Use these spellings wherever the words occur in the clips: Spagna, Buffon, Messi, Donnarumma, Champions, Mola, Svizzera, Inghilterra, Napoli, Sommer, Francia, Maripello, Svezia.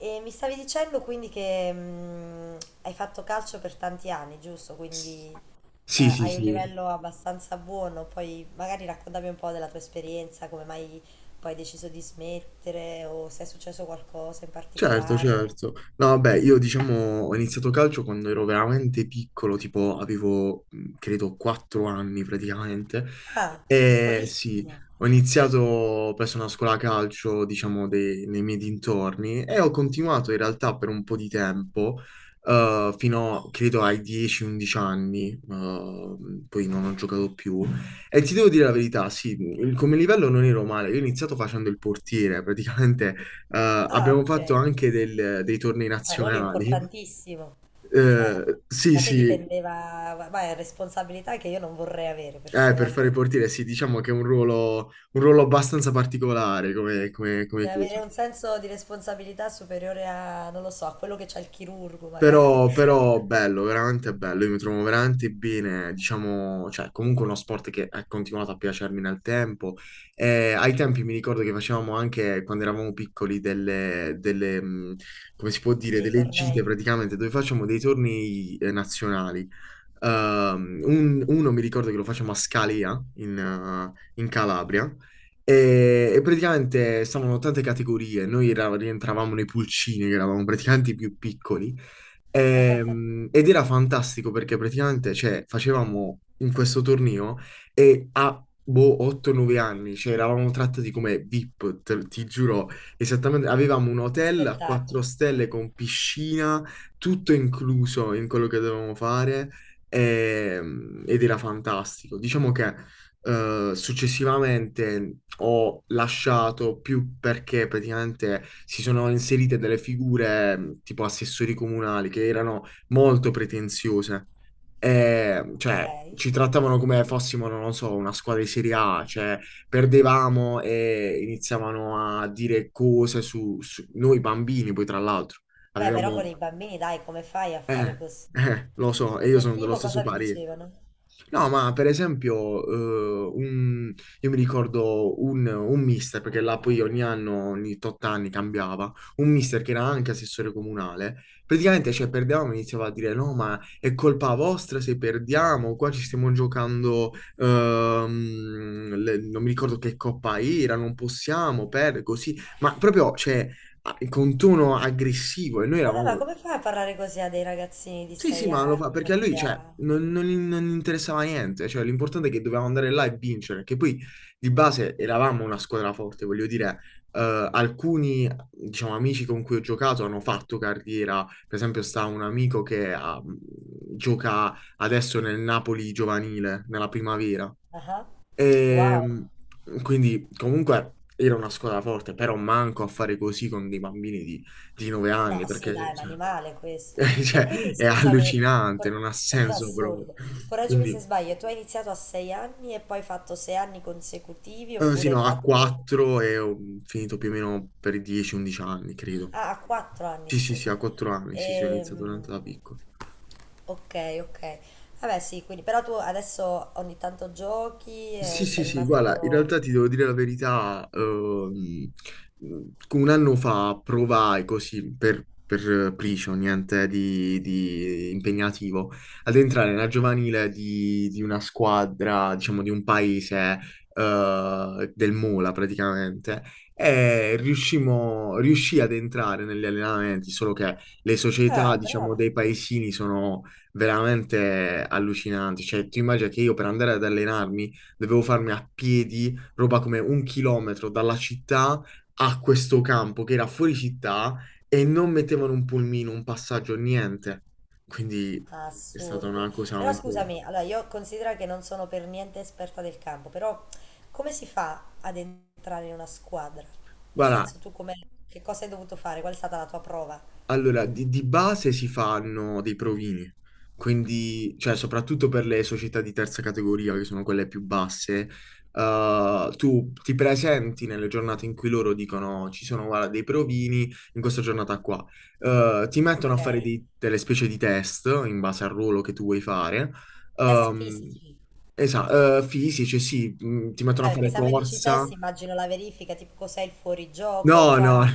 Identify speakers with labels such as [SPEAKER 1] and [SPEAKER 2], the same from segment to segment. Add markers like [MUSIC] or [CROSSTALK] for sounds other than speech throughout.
[SPEAKER 1] E mi stavi dicendo quindi che hai fatto calcio per tanti anni, giusto? Quindi
[SPEAKER 2] Sì, sì,
[SPEAKER 1] hai un
[SPEAKER 2] sì.
[SPEAKER 1] livello abbastanza buono, poi magari raccontami un po' della tua esperienza, come mai poi hai deciso di smettere o se è successo qualcosa in
[SPEAKER 2] Certo,
[SPEAKER 1] particolare.
[SPEAKER 2] certo. No, vabbè, io diciamo ho iniziato calcio quando ero veramente piccolo, tipo avevo, credo, 4 anni praticamente.
[SPEAKER 1] Ah,
[SPEAKER 2] E sì,
[SPEAKER 1] piccolissimo.
[SPEAKER 2] ho iniziato presso una scuola calcio, diciamo, nei miei dintorni e ho continuato in realtà per un po' di tempo, fino, credo, ai 10-11 anni, poi non ho giocato più. E ti devo dire la verità, sì, come livello non ero male, io ho iniziato facendo il portiere, praticamente eh,
[SPEAKER 1] Ah,
[SPEAKER 2] abbiamo
[SPEAKER 1] ok.
[SPEAKER 2] fatto anche dei tornei
[SPEAKER 1] Un ruolo
[SPEAKER 2] nazionali.
[SPEAKER 1] importantissimo. Cioè,
[SPEAKER 2] Eh sì,
[SPEAKER 1] da te
[SPEAKER 2] sì,
[SPEAKER 1] dipendeva, ma è responsabilità che io non vorrei avere
[SPEAKER 2] per fare il
[SPEAKER 1] personalmente.
[SPEAKER 2] portiere, sì, diciamo che è un ruolo abbastanza particolare come, come
[SPEAKER 1] E
[SPEAKER 2] cosa.
[SPEAKER 1] avere un senso di responsabilità superiore a, non lo so, a quello che c'ha il chirurgo magari,
[SPEAKER 2] Però
[SPEAKER 1] [LAUGHS]
[SPEAKER 2] bello, veramente bello, io mi trovo veramente bene, diciamo, cioè comunque uno sport che è continuato a piacermi nel tempo. E ai tempi mi ricordo che facevamo anche, quando eravamo piccoli, come si può dire,
[SPEAKER 1] nei
[SPEAKER 2] delle gite
[SPEAKER 1] tornei,
[SPEAKER 2] praticamente, dove facciamo dei tornei nazionali. Uno mi ricordo che lo facciamo a Scalia, in Calabria, e praticamente stavano tante categorie, noi rientravamo nei pulcini, che eravamo praticamente i più piccoli. Ed era fantastico perché praticamente cioè, facevamo in questo torneo e a boh, 8-9 anni, cioè eravamo trattati come VIP, ti giuro, esattamente, avevamo un
[SPEAKER 1] che
[SPEAKER 2] hotel a 4
[SPEAKER 1] spettacolo.
[SPEAKER 2] stelle con piscina, tutto incluso in quello che dovevamo fare ed era fantastico. Diciamo che successivamente ho lasciato più perché praticamente si sono inserite delle figure tipo assessori comunali che erano molto pretenziose. E,
[SPEAKER 1] Ok.
[SPEAKER 2] cioè, ci trattavano come fossimo, non lo so, una squadra di Serie A, cioè perdevamo e iniziavano a dire cose su noi bambini, poi tra l'altro.
[SPEAKER 1] Vabbè, però con
[SPEAKER 2] Avevamo
[SPEAKER 1] i bambini, dai, come fai a fare
[SPEAKER 2] eh,
[SPEAKER 1] così?
[SPEAKER 2] Lo so, e io
[SPEAKER 1] Del
[SPEAKER 2] sono dello
[SPEAKER 1] tipo,
[SPEAKER 2] stesso
[SPEAKER 1] cosa vi
[SPEAKER 2] parere.
[SPEAKER 1] dicevano?
[SPEAKER 2] No, ma per esempio, io mi ricordo un mister, perché là poi ogni anno, ogni tot anni cambiava, un mister che era anche assessore comunale, praticamente, cioè, perdevamo e iniziava a dire, no, ma è colpa vostra se perdiamo, qua ci stiamo giocando, non mi ricordo che coppa era, non possiamo perdere, così, ma proprio, cioè, con tono aggressivo, e noi
[SPEAKER 1] Vabbè, ma
[SPEAKER 2] eravamo.
[SPEAKER 1] come fai a parlare così a dei ragazzini di
[SPEAKER 2] Sì, sì,
[SPEAKER 1] 6
[SPEAKER 2] ma lo fa
[SPEAKER 1] anni,
[SPEAKER 2] perché a lui,
[SPEAKER 1] 7
[SPEAKER 2] cioè,
[SPEAKER 1] anni?
[SPEAKER 2] non gli interessava niente. Cioè, l'importante è che dovevamo andare là e vincere. Che poi di base eravamo una squadra forte, voglio dire, alcuni, diciamo, amici con cui ho giocato hanno fatto carriera. Per esempio, sta un amico che gioca adesso nel Napoli giovanile, nella primavera.
[SPEAKER 1] Ah,
[SPEAKER 2] E
[SPEAKER 1] wow.
[SPEAKER 2] quindi, comunque, era una squadra forte, però manco a fare così con dei bambini di 9 anni,
[SPEAKER 1] No, sì,
[SPEAKER 2] perché
[SPEAKER 1] dai, è un
[SPEAKER 2] cioè.
[SPEAKER 1] animale questo.
[SPEAKER 2] [LAUGHS]
[SPEAKER 1] E
[SPEAKER 2] Cioè,
[SPEAKER 1] quindi
[SPEAKER 2] è
[SPEAKER 1] scusami,
[SPEAKER 2] allucinante,
[SPEAKER 1] cor-
[SPEAKER 2] non ha
[SPEAKER 1] [LAUGHS]
[SPEAKER 2] senso proprio.
[SPEAKER 1] assurdo, correggimi se
[SPEAKER 2] Quindi,
[SPEAKER 1] sbaglio, tu hai iniziato a 6 anni e poi hai fatto 6 anni consecutivi
[SPEAKER 2] sì,
[SPEAKER 1] oppure hai
[SPEAKER 2] no, a
[SPEAKER 1] fatto...
[SPEAKER 2] 4 e ho finito più o meno per i 10-11 anni, credo.
[SPEAKER 1] Ah, a 4 anni,
[SPEAKER 2] Sì, sì, sì, a
[SPEAKER 1] scusami.
[SPEAKER 2] 4 anni, sì, sì, ho iniziato veramente da
[SPEAKER 1] Ehm,
[SPEAKER 2] piccolo.
[SPEAKER 1] ok, ok. Vabbè, sì, quindi però tu adesso ogni tanto giochi e
[SPEAKER 2] Sì, sì,
[SPEAKER 1] sei
[SPEAKER 2] sì, guarda, in
[SPEAKER 1] rimasto...
[SPEAKER 2] realtà ti devo dire la verità, un anno fa provai così per Pricio, niente di impegnativo, ad entrare nella giovanile di una squadra, diciamo, di un paese, del Mola praticamente, e riuscì ad entrare negli allenamenti, solo che le società,
[SPEAKER 1] Ah,
[SPEAKER 2] diciamo,
[SPEAKER 1] bravo.
[SPEAKER 2] dei paesini sono veramente allucinanti, cioè tu immagini che io per andare ad allenarmi dovevo farmi a piedi roba come 1 chilometro dalla città a questo campo che era fuori città e non mettevano un pulmino, un passaggio, niente. Quindi è stata
[SPEAKER 1] Assurdo.
[SPEAKER 2] una cosa
[SPEAKER 1] Però
[SPEAKER 2] un po'.
[SPEAKER 1] scusami, allora io considero che non sono per niente esperta del campo, però come si fa ad entrare in una squadra? Nel
[SPEAKER 2] Guarda,
[SPEAKER 1] senso tu come, che cosa hai dovuto fare? Qual è stata la tua prova?
[SPEAKER 2] allora, di base si fanno dei provini, quindi, cioè, soprattutto per le società di terza categoria, che sono quelle più basse, tu ti presenti nelle giornate in cui loro dicono ci sono, guarda, dei provini in questa giornata qua. Ti mettono a
[SPEAKER 1] Ok.
[SPEAKER 2] fare delle specie di test in base al ruolo che tu vuoi fare.
[SPEAKER 1] Test
[SPEAKER 2] Ehm,
[SPEAKER 1] fisici.
[SPEAKER 2] Fisici, sì, ti mettono
[SPEAKER 1] Ah,
[SPEAKER 2] a
[SPEAKER 1] perché
[SPEAKER 2] fare
[SPEAKER 1] se a me dici
[SPEAKER 2] corsa.
[SPEAKER 1] test, immagino la verifica, tipo cos'è il fuorigioco,
[SPEAKER 2] No, no,
[SPEAKER 1] quando,
[SPEAKER 2] no,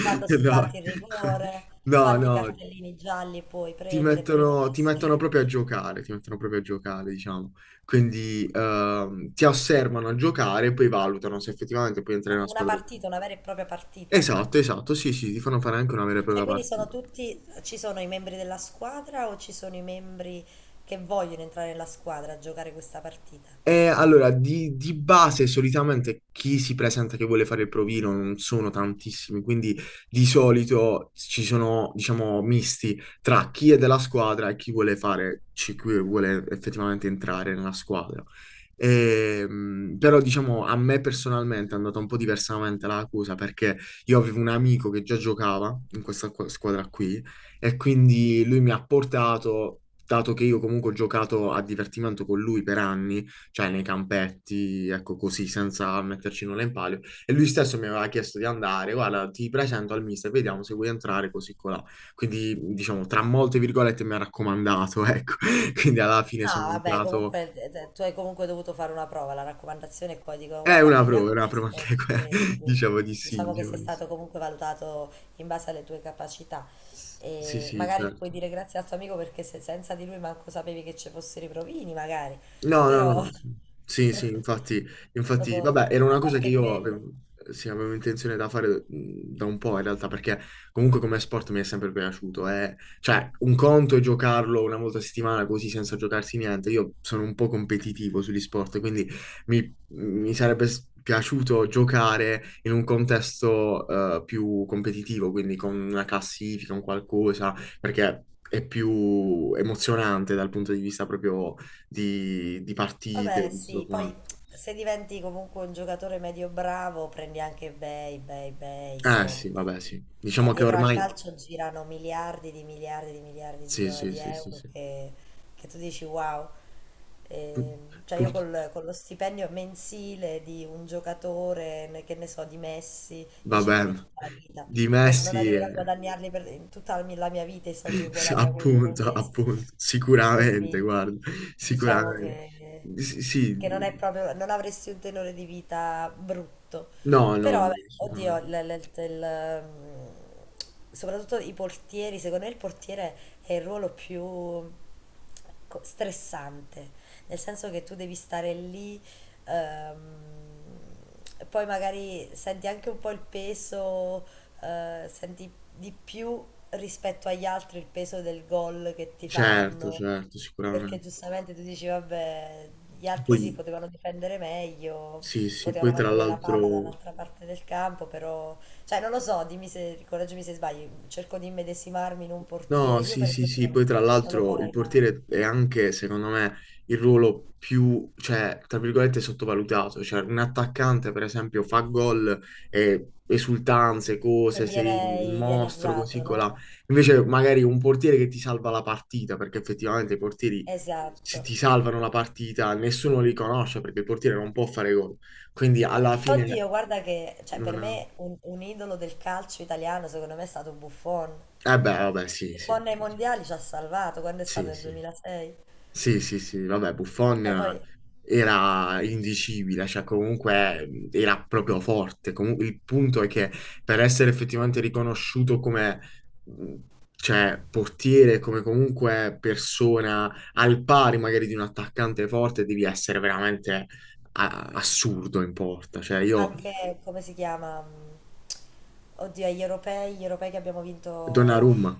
[SPEAKER 1] quando si
[SPEAKER 2] no,
[SPEAKER 1] batte il
[SPEAKER 2] [LAUGHS]
[SPEAKER 1] rigore,
[SPEAKER 2] no,
[SPEAKER 1] quanti
[SPEAKER 2] no.
[SPEAKER 1] cartellini gialli puoi
[SPEAKER 2] ti
[SPEAKER 1] prendere prima di
[SPEAKER 2] mettono, ti mettono
[SPEAKER 1] essere...
[SPEAKER 2] proprio a giocare, ti mettono proprio a giocare, diciamo. Quindi ti osservano a giocare e poi valutano se effettivamente puoi entrare
[SPEAKER 1] Ma
[SPEAKER 2] in una
[SPEAKER 1] una
[SPEAKER 2] squadra.
[SPEAKER 1] partita, una vera e propria partita.
[SPEAKER 2] Esatto, esatto, sì, sì, ti fanno fare anche una vera e
[SPEAKER 1] Cioè,
[SPEAKER 2] propria
[SPEAKER 1] quindi
[SPEAKER 2] partita.
[SPEAKER 1] sono tutti, ci sono i membri della squadra o ci sono i membri che vogliono entrare nella squadra a giocare questa partita?
[SPEAKER 2] Allora, di base solitamente chi si presenta che vuole fare il provino non sono tantissimi, quindi di solito ci sono, diciamo, misti tra chi è della squadra e chi vuole fare, chi vuole effettivamente entrare nella squadra. Però, diciamo, a me personalmente è andata un po' diversamente la cosa perché io avevo un amico che già giocava in questa squadra qui e quindi lui mi ha portato, dato che io comunque ho giocato a divertimento con lui per anni, cioè nei campetti, ecco così, senza metterci nulla in palio. E lui stesso mi aveva chiesto di andare, guarda, ti presento al mister, vediamo se vuoi entrare così colà. Quindi, diciamo, tra molte virgolette mi ha raccomandato, ecco. [LAUGHS] Quindi alla fine
[SPEAKER 1] No,
[SPEAKER 2] sono
[SPEAKER 1] vabbè,
[SPEAKER 2] entrato.
[SPEAKER 1] comunque tu hai comunque dovuto fare una prova, la raccomandazione e poi dicono guarda, prendi
[SPEAKER 2] È una prova
[SPEAKER 1] acquisto e
[SPEAKER 2] anche
[SPEAKER 1] ti
[SPEAKER 2] quella,
[SPEAKER 1] prendono,
[SPEAKER 2] [LAUGHS]
[SPEAKER 1] quindi
[SPEAKER 2] diciamo di sì,
[SPEAKER 1] diciamo che
[SPEAKER 2] diciamo
[SPEAKER 1] sei
[SPEAKER 2] di sì.
[SPEAKER 1] stato comunque valutato in base alle tue capacità
[SPEAKER 2] Sì,
[SPEAKER 1] e
[SPEAKER 2] sì,
[SPEAKER 1] magari puoi
[SPEAKER 2] certo.
[SPEAKER 1] dire grazie al tuo amico perché se- senza di lui manco sapevi che ci fossero i provini, magari,
[SPEAKER 2] No, no,
[SPEAKER 1] però
[SPEAKER 2] no. Sì, sì, infatti,
[SPEAKER 1] [LAUGHS]
[SPEAKER 2] infatti,
[SPEAKER 1] dopo,
[SPEAKER 2] vabbè, era
[SPEAKER 1] a
[SPEAKER 2] una cosa che
[SPEAKER 1] parte
[SPEAKER 2] io
[SPEAKER 1] quello.
[SPEAKER 2] sì, avevo intenzione da fare da un po' in realtà, perché comunque come sport mi è sempre piaciuto. Cioè, un conto è giocarlo una volta a settimana così senza giocarsi niente. Io sono un po' competitivo sugli sport, quindi mi sarebbe piaciuto giocare in un contesto più competitivo, quindi con una classifica, un qualcosa, perché. È più emozionante dal punto di vista proprio di partite,
[SPEAKER 1] Vabbè,
[SPEAKER 2] di tutto
[SPEAKER 1] sì, poi
[SPEAKER 2] quanto.
[SPEAKER 1] se diventi comunque un giocatore medio bravo, prendi anche bei, bei, bei
[SPEAKER 2] Eh sì,
[SPEAKER 1] soldi.
[SPEAKER 2] vabbè, sì. Diciamo che
[SPEAKER 1] Dietro al
[SPEAKER 2] ormai.
[SPEAKER 1] calcio girano miliardi di miliardi di miliardi di,
[SPEAKER 2] Sì,
[SPEAKER 1] do-
[SPEAKER 2] sì,
[SPEAKER 1] di
[SPEAKER 2] sì, sì,
[SPEAKER 1] euro
[SPEAKER 2] sì.
[SPEAKER 1] che tu dici wow.
[SPEAKER 2] Pu-
[SPEAKER 1] Cioè io
[SPEAKER 2] pur-
[SPEAKER 1] con lo stipendio mensile di un giocatore, che ne so, di Messi, io ci
[SPEAKER 2] Vabbè,
[SPEAKER 1] vivo tutta la vita.
[SPEAKER 2] di
[SPEAKER 1] Non
[SPEAKER 2] Messi
[SPEAKER 1] arriverò
[SPEAKER 2] è.
[SPEAKER 1] a guadagnarli per in tutta la mia vita i soldi che
[SPEAKER 2] [LAUGHS] Sì,
[SPEAKER 1] guadagna quello in un
[SPEAKER 2] appunto,
[SPEAKER 1] mese.
[SPEAKER 2] appunto, sicuramente,
[SPEAKER 1] Quindi
[SPEAKER 2] guarda,
[SPEAKER 1] diciamo
[SPEAKER 2] sicuramente.
[SPEAKER 1] che
[SPEAKER 2] Sì, sì.
[SPEAKER 1] che non è proprio, non avresti un tenore di vita brutto.
[SPEAKER 2] No,
[SPEAKER 1] Però,
[SPEAKER 2] no, no,
[SPEAKER 1] vabbè, oddio,
[SPEAKER 2] sicuramente.
[SPEAKER 1] soprattutto i portieri, secondo me il portiere è il ruolo più stressante, nel senso che tu devi stare lì, ehm, e poi magari senti anche un po' il peso, senti di più rispetto agli altri il peso del gol che ti
[SPEAKER 2] Certo,
[SPEAKER 1] fanno.
[SPEAKER 2] certo,
[SPEAKER 1] Perché
[SPEAKER 2] sicuramente.
[SPEAKER 1] giustamente tu dici, vabbè, gli altri sì,
[SPEAKER 2] Poi,
[SPEAKER 1] potevano difendere meglio,
[SPEAKER 2] sì, sì,
[SPEAKER 1] potevano
[SPEAKER 2] poi tra
[SPEAKER 1] mantenere la palla
[SPEAKER 2] l'altro.
[SPEAKER 1] dall'altra parte del campo, però... Cioè, non lo so, dimmi se, correggimi se sbaglio, cerco di immedesimarmi in un
[SPEAKER 2] No,
[SPEAKER 1] portiere. Io,
[SPEAKER 2] sì,
[SPEAKER 1] per
[SPEAKER 2] sì, sì,
[SPEAKER 1] esempio,
[SPEAKER 2] poi tra
[SPEAKER 1] non lo
[SPEAKER 2] l'altro il
[SPEAKER 1] farei mai.
[SPEAKER 2] portiere è anche, secondo me, il ruolo più, cioè, tra virgolette, sottovalutato. Cioè, un attaccante, per esempio, fa gol e esultanze,
[SPEAKER 1] E
[SPEAKER 2] cose, sei il
[SPEAKER 1] viene
[SPEAKER 2] mostro, così,
[SPEAKER 1] idealizzato,
[SPEAKER 2] colà.
[SPEAKER 1] no?
[SPEAKER 2] Invece, magari un portiere che ti salva la partita, perché effettivamente i portieri
[SPEAKER 1] Esatto.
[SPEAKER 2] ti salvano la partita, nessuno li conosce perché il portiere non può fare gol. Quindi, alla
[SPEAKER 1] Oddio,
[SPEAKER 2] fine,
[SPEAKER 1] guarda che, cioè,
[SPEAKER 2] non
[SPEAKER 1] per
[SPEAKER 2] ha.
[SPEAKER 1] me un idolo del calcio italiano, secondo me, è stato Buffon.
[SPEAKER 2] Eh beh, vabbè, sì, sì.
[SPEAKER 1] Buffon nei mondiali ci ha salvato, quando è stato
[SPEAKER 2] Sì,
[SPEAKER 1] nel
[SPEAKER 2] sì.
[SPEAKER 1] 2006.
[SPEAKER 2] Sì, sì, sì, vabbè,
[SPEAKER 1] Cioè,
[SPEAKER 2] Buffon
[SPEAKER 1] poi
[SPEAKER 2] era indicibile, cioè comunque era proprio forte. Comunque il punto è che per essere effettivamente riconosciuto come mh, cioè, portiere, come comunque persona al pari magari di un attaccante forte, devi essere veramente assurdo in porta. Cioè io.
[SPEAKER 1] anche, come si chiama? Oddio, agli europei, gli europei che abbiamo vinto...
[SPEAKER 2] Donnarumma,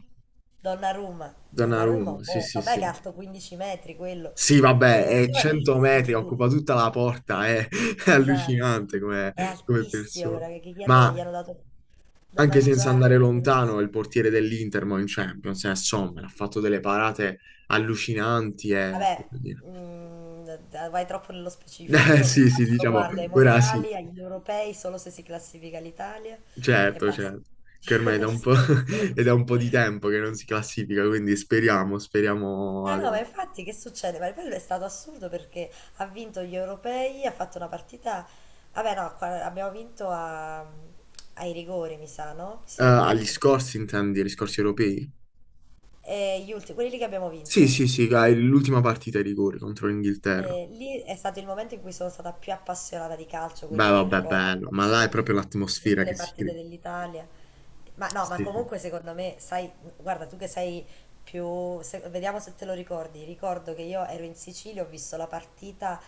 [SPEAKER 1] Donnarumma. Donnarumma è un
[SPEAKER 2] Donnarumma, sì, sì,
[SPEAKER 1] mostro. Vabbè che è
[SPEAKER 2] sì.
[SPEAKER 1] alto 15 metri quello.
[SPEAKER 2] Sì, vabbè,
[SPEAKER 1] È
[SPEAKER 2] è 100 metri,
[SPEAKER 1] giovanissimo lui.
[SPEAKER 2] occupa tutta la porta, è, [LAUGHS] è
[SPEAKER 1] Esatto.
[SPEAKER 2] allucinante come,
[SPEAKER 1] È
[SPEAKER 2] come
[SPEAKER 1] altissimo,
[SPEAKER 2] persona.
[SPEAKER 1] guarda, che gli hanno,
[SPEAKER 2] Ma
[SPEAKER 1] gli hanno dato da
[SPEAKER 2] anche senza
[SPEAKER 1] mangiare.
[SPEAKER 2] andare
[SPEAKER 1] Non lo so.
[SPEAKER 2] lontano, il portiere dell'Inter mo in Champions è Sommer, ha fatto delle parate allucinanti e. [LAUGHS]
[SPEAKER 1] Vabbè, vai troppo nello specifico.
[SPEAKER 2] Eh
[SPEAKER 1] Io il
[SPEAKER 2] sì, sì,
[SPEAKER 1] calcio lo
[SPEAKER 2] diciamo,
[SPEAKER 1] guardo ai
[SPEAKER 2] ora sì,
[SPEAKER 1] mondiali, agli europei, solo se si classifica l'Italia e
[SPEAKER 2] certo,
[SPEAKER 1] basta.
[SPEAKER 2] certo, che ormai
[SPEAKER 1] [LAUGHS]
[SPEAKER 2] è da
[SPEAKER 1] Nel
[SPEAKER 2] un po', [LAUGHS]
[SPEAKER 1] senso...
[SPEAKER 2] è da un po' di tempo che non si classifica, quindi speriamo, speriamo
[SPEAKER 1] Eh no, ma
[SPEAKER 2] adesso.
[SPEAKER 1] infatti che succede? Maripello è stato assurdo perché ha vinto gli europei, ha fatto una partita... Vabbè no, abbiamo vinto ai rigori, mi sa, no? Sì.
[SPEAKER 2] Agli
[SPEAKER 1] Abbi-
[SPEAKER 2] scorsi, intendi, agli scorsi europei?
[SPEAKER 1] e gli ultimi, quelli lì che abbiamo
[SPEAKER 2] Sì,
[SPEAKER 1] vinto.
[SPEAKER 2] sì, sì, dai, l'ultima partita ai rigori contro l'Inghilterra.
[SPEAKER 1] E lì è stato il momento in cui sono stata più appassionata di calcio,
[SPEAKER 2] Beh,
[SPEAKER 1] quindi me lo
[SPEAKER 2] vabbè,
[SPEAKER 1] ricordo.
[SPEAKER 2] bello,
[SPEAKER 1] Ho
[SPEAKER 2] ma là
[SPEAKER 1] visto,
[SPEAKER 2] è
[SPEAKER 1] ho
[SPEAKER 2] proprio
[SPEAKER 1] visto
[SPEAKER 2] l'atmosfera
[SPEAKER 1] tutte
[SPEAKER 2] che
[SPEAKER 1] le
[SPEAKER 2] si
[SPEAKER 1] partite
[SPEAKER 2] crea.
[SPEAKER 1] dell'Italia. Ma no, ma
[SPEAKER 2] Sì, sì.
[SPEAKER 1] comunque secondo me, sai, guarda, tu che sei più... vediamo se te lo ricordi. Ricordo che io ero in Sicilia, ho visto la partita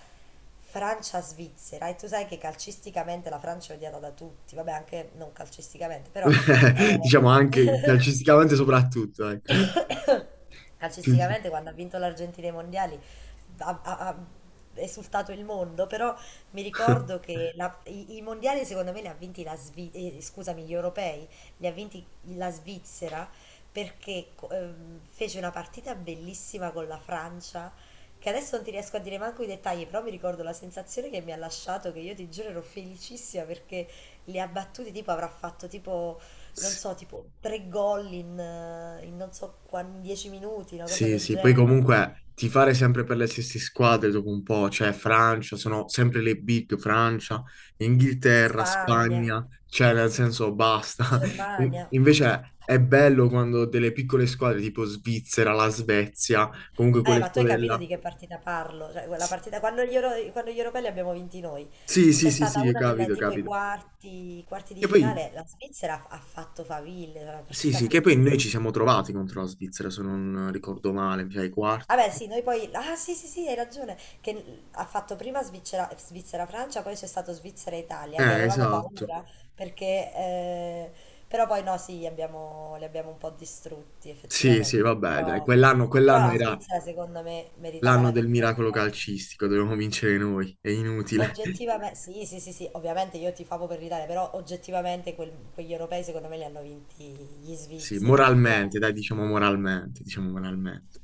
[SPEAKER 1] Francia-Svizzera e tu sai che calcisticamente la Francia è odiata da tutti, vabbè, anche non calcisticamente, però...
[SPEAKER 2] [LAUGHS] Diciamo anche
[SPEAKER 1] eh,
[SPEAKER 2] calcisticamente soprattutto, ecco.
[SPEAKER 1] [LAUGHS] [COUGHS]
[SPEAKER 2] Sì, sì.
[SPEAKER 1] calcisticamente quando ha vinto l'Argentina ai mondiali ha esultato il mondo, però mi ricordo
[SPEAKER 2] [LAUGHS]
[SPEAKER 1] che i mondiali secondo me li ha vinti la Svi- scusami, gli europei li ha vinti la Svizzera perché fece una partita bellissima con la Francia. Che adesso non ti riesco a dire manco i dettagli, però mi ricordo la sensazione che mi ha lasciato, che io ti giuro ero felicissima perché li ha battuti, tipo avrà fatto tipo non so, tipo 3 gol in non so quanti, 10 minuti, una cosa
[SPEAKER 2] Sì, sì,
[SPEAKER 1] del
[SPEAKER 2] sì, poi
[SPEAKER 1] genere.
[SPEAKER 2] comunque tifare sempre per le stesse squadre dopo un po', cioè Francia, sono sempre le big Francia, Inghilterra,
[SPEAKER 1] Spagna,
[SPEAKER 2] Spagna, cioè nel senso basta. [LAUGHS]
[SPEAKER 1] Germania.
[SPEAKER 2] Invece è bello quando delle piccole squadre tipo Svizzera, la Svezia, comunque quelle
[SPEAKER 1] Ma tu hai
[SPEAKER 2] squadre
[SPEAKER 1] capito di
[SPEAKER 2] là.
[SPEAKER 1] che partita parlo? Cioè, quella
[SPEAKER 2] Sì,
[SPEAKER 1] partita, quando gli europei li abbiamo vinti noi,
[SPEAKER 2] sì, sì,
[SPEAKER 1] c'è
[SPEAKER 2] sì,
[SPEAKER 1] stata
[SPEAKER 2] sì,
[SPEAKER 1] una delle
[SPEAKER 2] capito,
[SPEAKER 1] tipo i
[SPEAKER 2] capito.
[SPEAKER 1] quarti, i quarti di
[SPEAKER 2] Che poi,
[SPEAKER 1] finale, la Svizzera ha fatto faville, era una
[SPEAKER 2] sì,
[SPEAKER 1] partita
[SPEAKER 2] sì, che poi noi ci
[SPEAKER 1] bellissima.
[SPEAKER 2] siamo trovati contro la Svizzera, se non ricordo male, mi sa i quarti.
[SPEAKER 1] Vabbè, sì, noi poi. Ah, sì, sì, sì, hai ragione. Che ha fatto prima Svizzera, Svizzera-Francia, poi c'è stato Svizzera-Italia, che avevamo
[SPEAKER 2] Esatto.
[SPEAKER 1] paura perché. Però poi no, sì, li abbiamo un po' distrutti
[SPEAKER 2] Sì, sì,
[SPEAKER 1] effettivamente.
[SPEAKER 2] vabbè, dai,
[SPEAKER 1] Però,
[SPEAKER 2] quell'anno
[SPEAKER 1] però la
[SPEAKER 2] era
[SPEAKER 1] Svizzera secondo me meritava
[SPEAKER 2] l'anno
[SPEAKER 1] la
[SPEAKER 2] del
[SPEAKER 1] vittoria.
[SPEAKER 2] miracolo calcistico, dovevamo vincere noi, è inutile. [LAUGHS]
[SPEAKER 1] Oggettivamente, sì, sì, sì, sì, ovviamente io tifavo per l'Italia, però oggettivamente quegli europei secondo me li hanno vinti gli
[SPEAKER 2] Sì,
[SPEAKER 1] svizzeri,
[SPEAKER 2] moralmente, dai, diciamo
[SPEAKER 1] grandissimi.
[SPEAKER 2] moralmente, diciamo moralmente.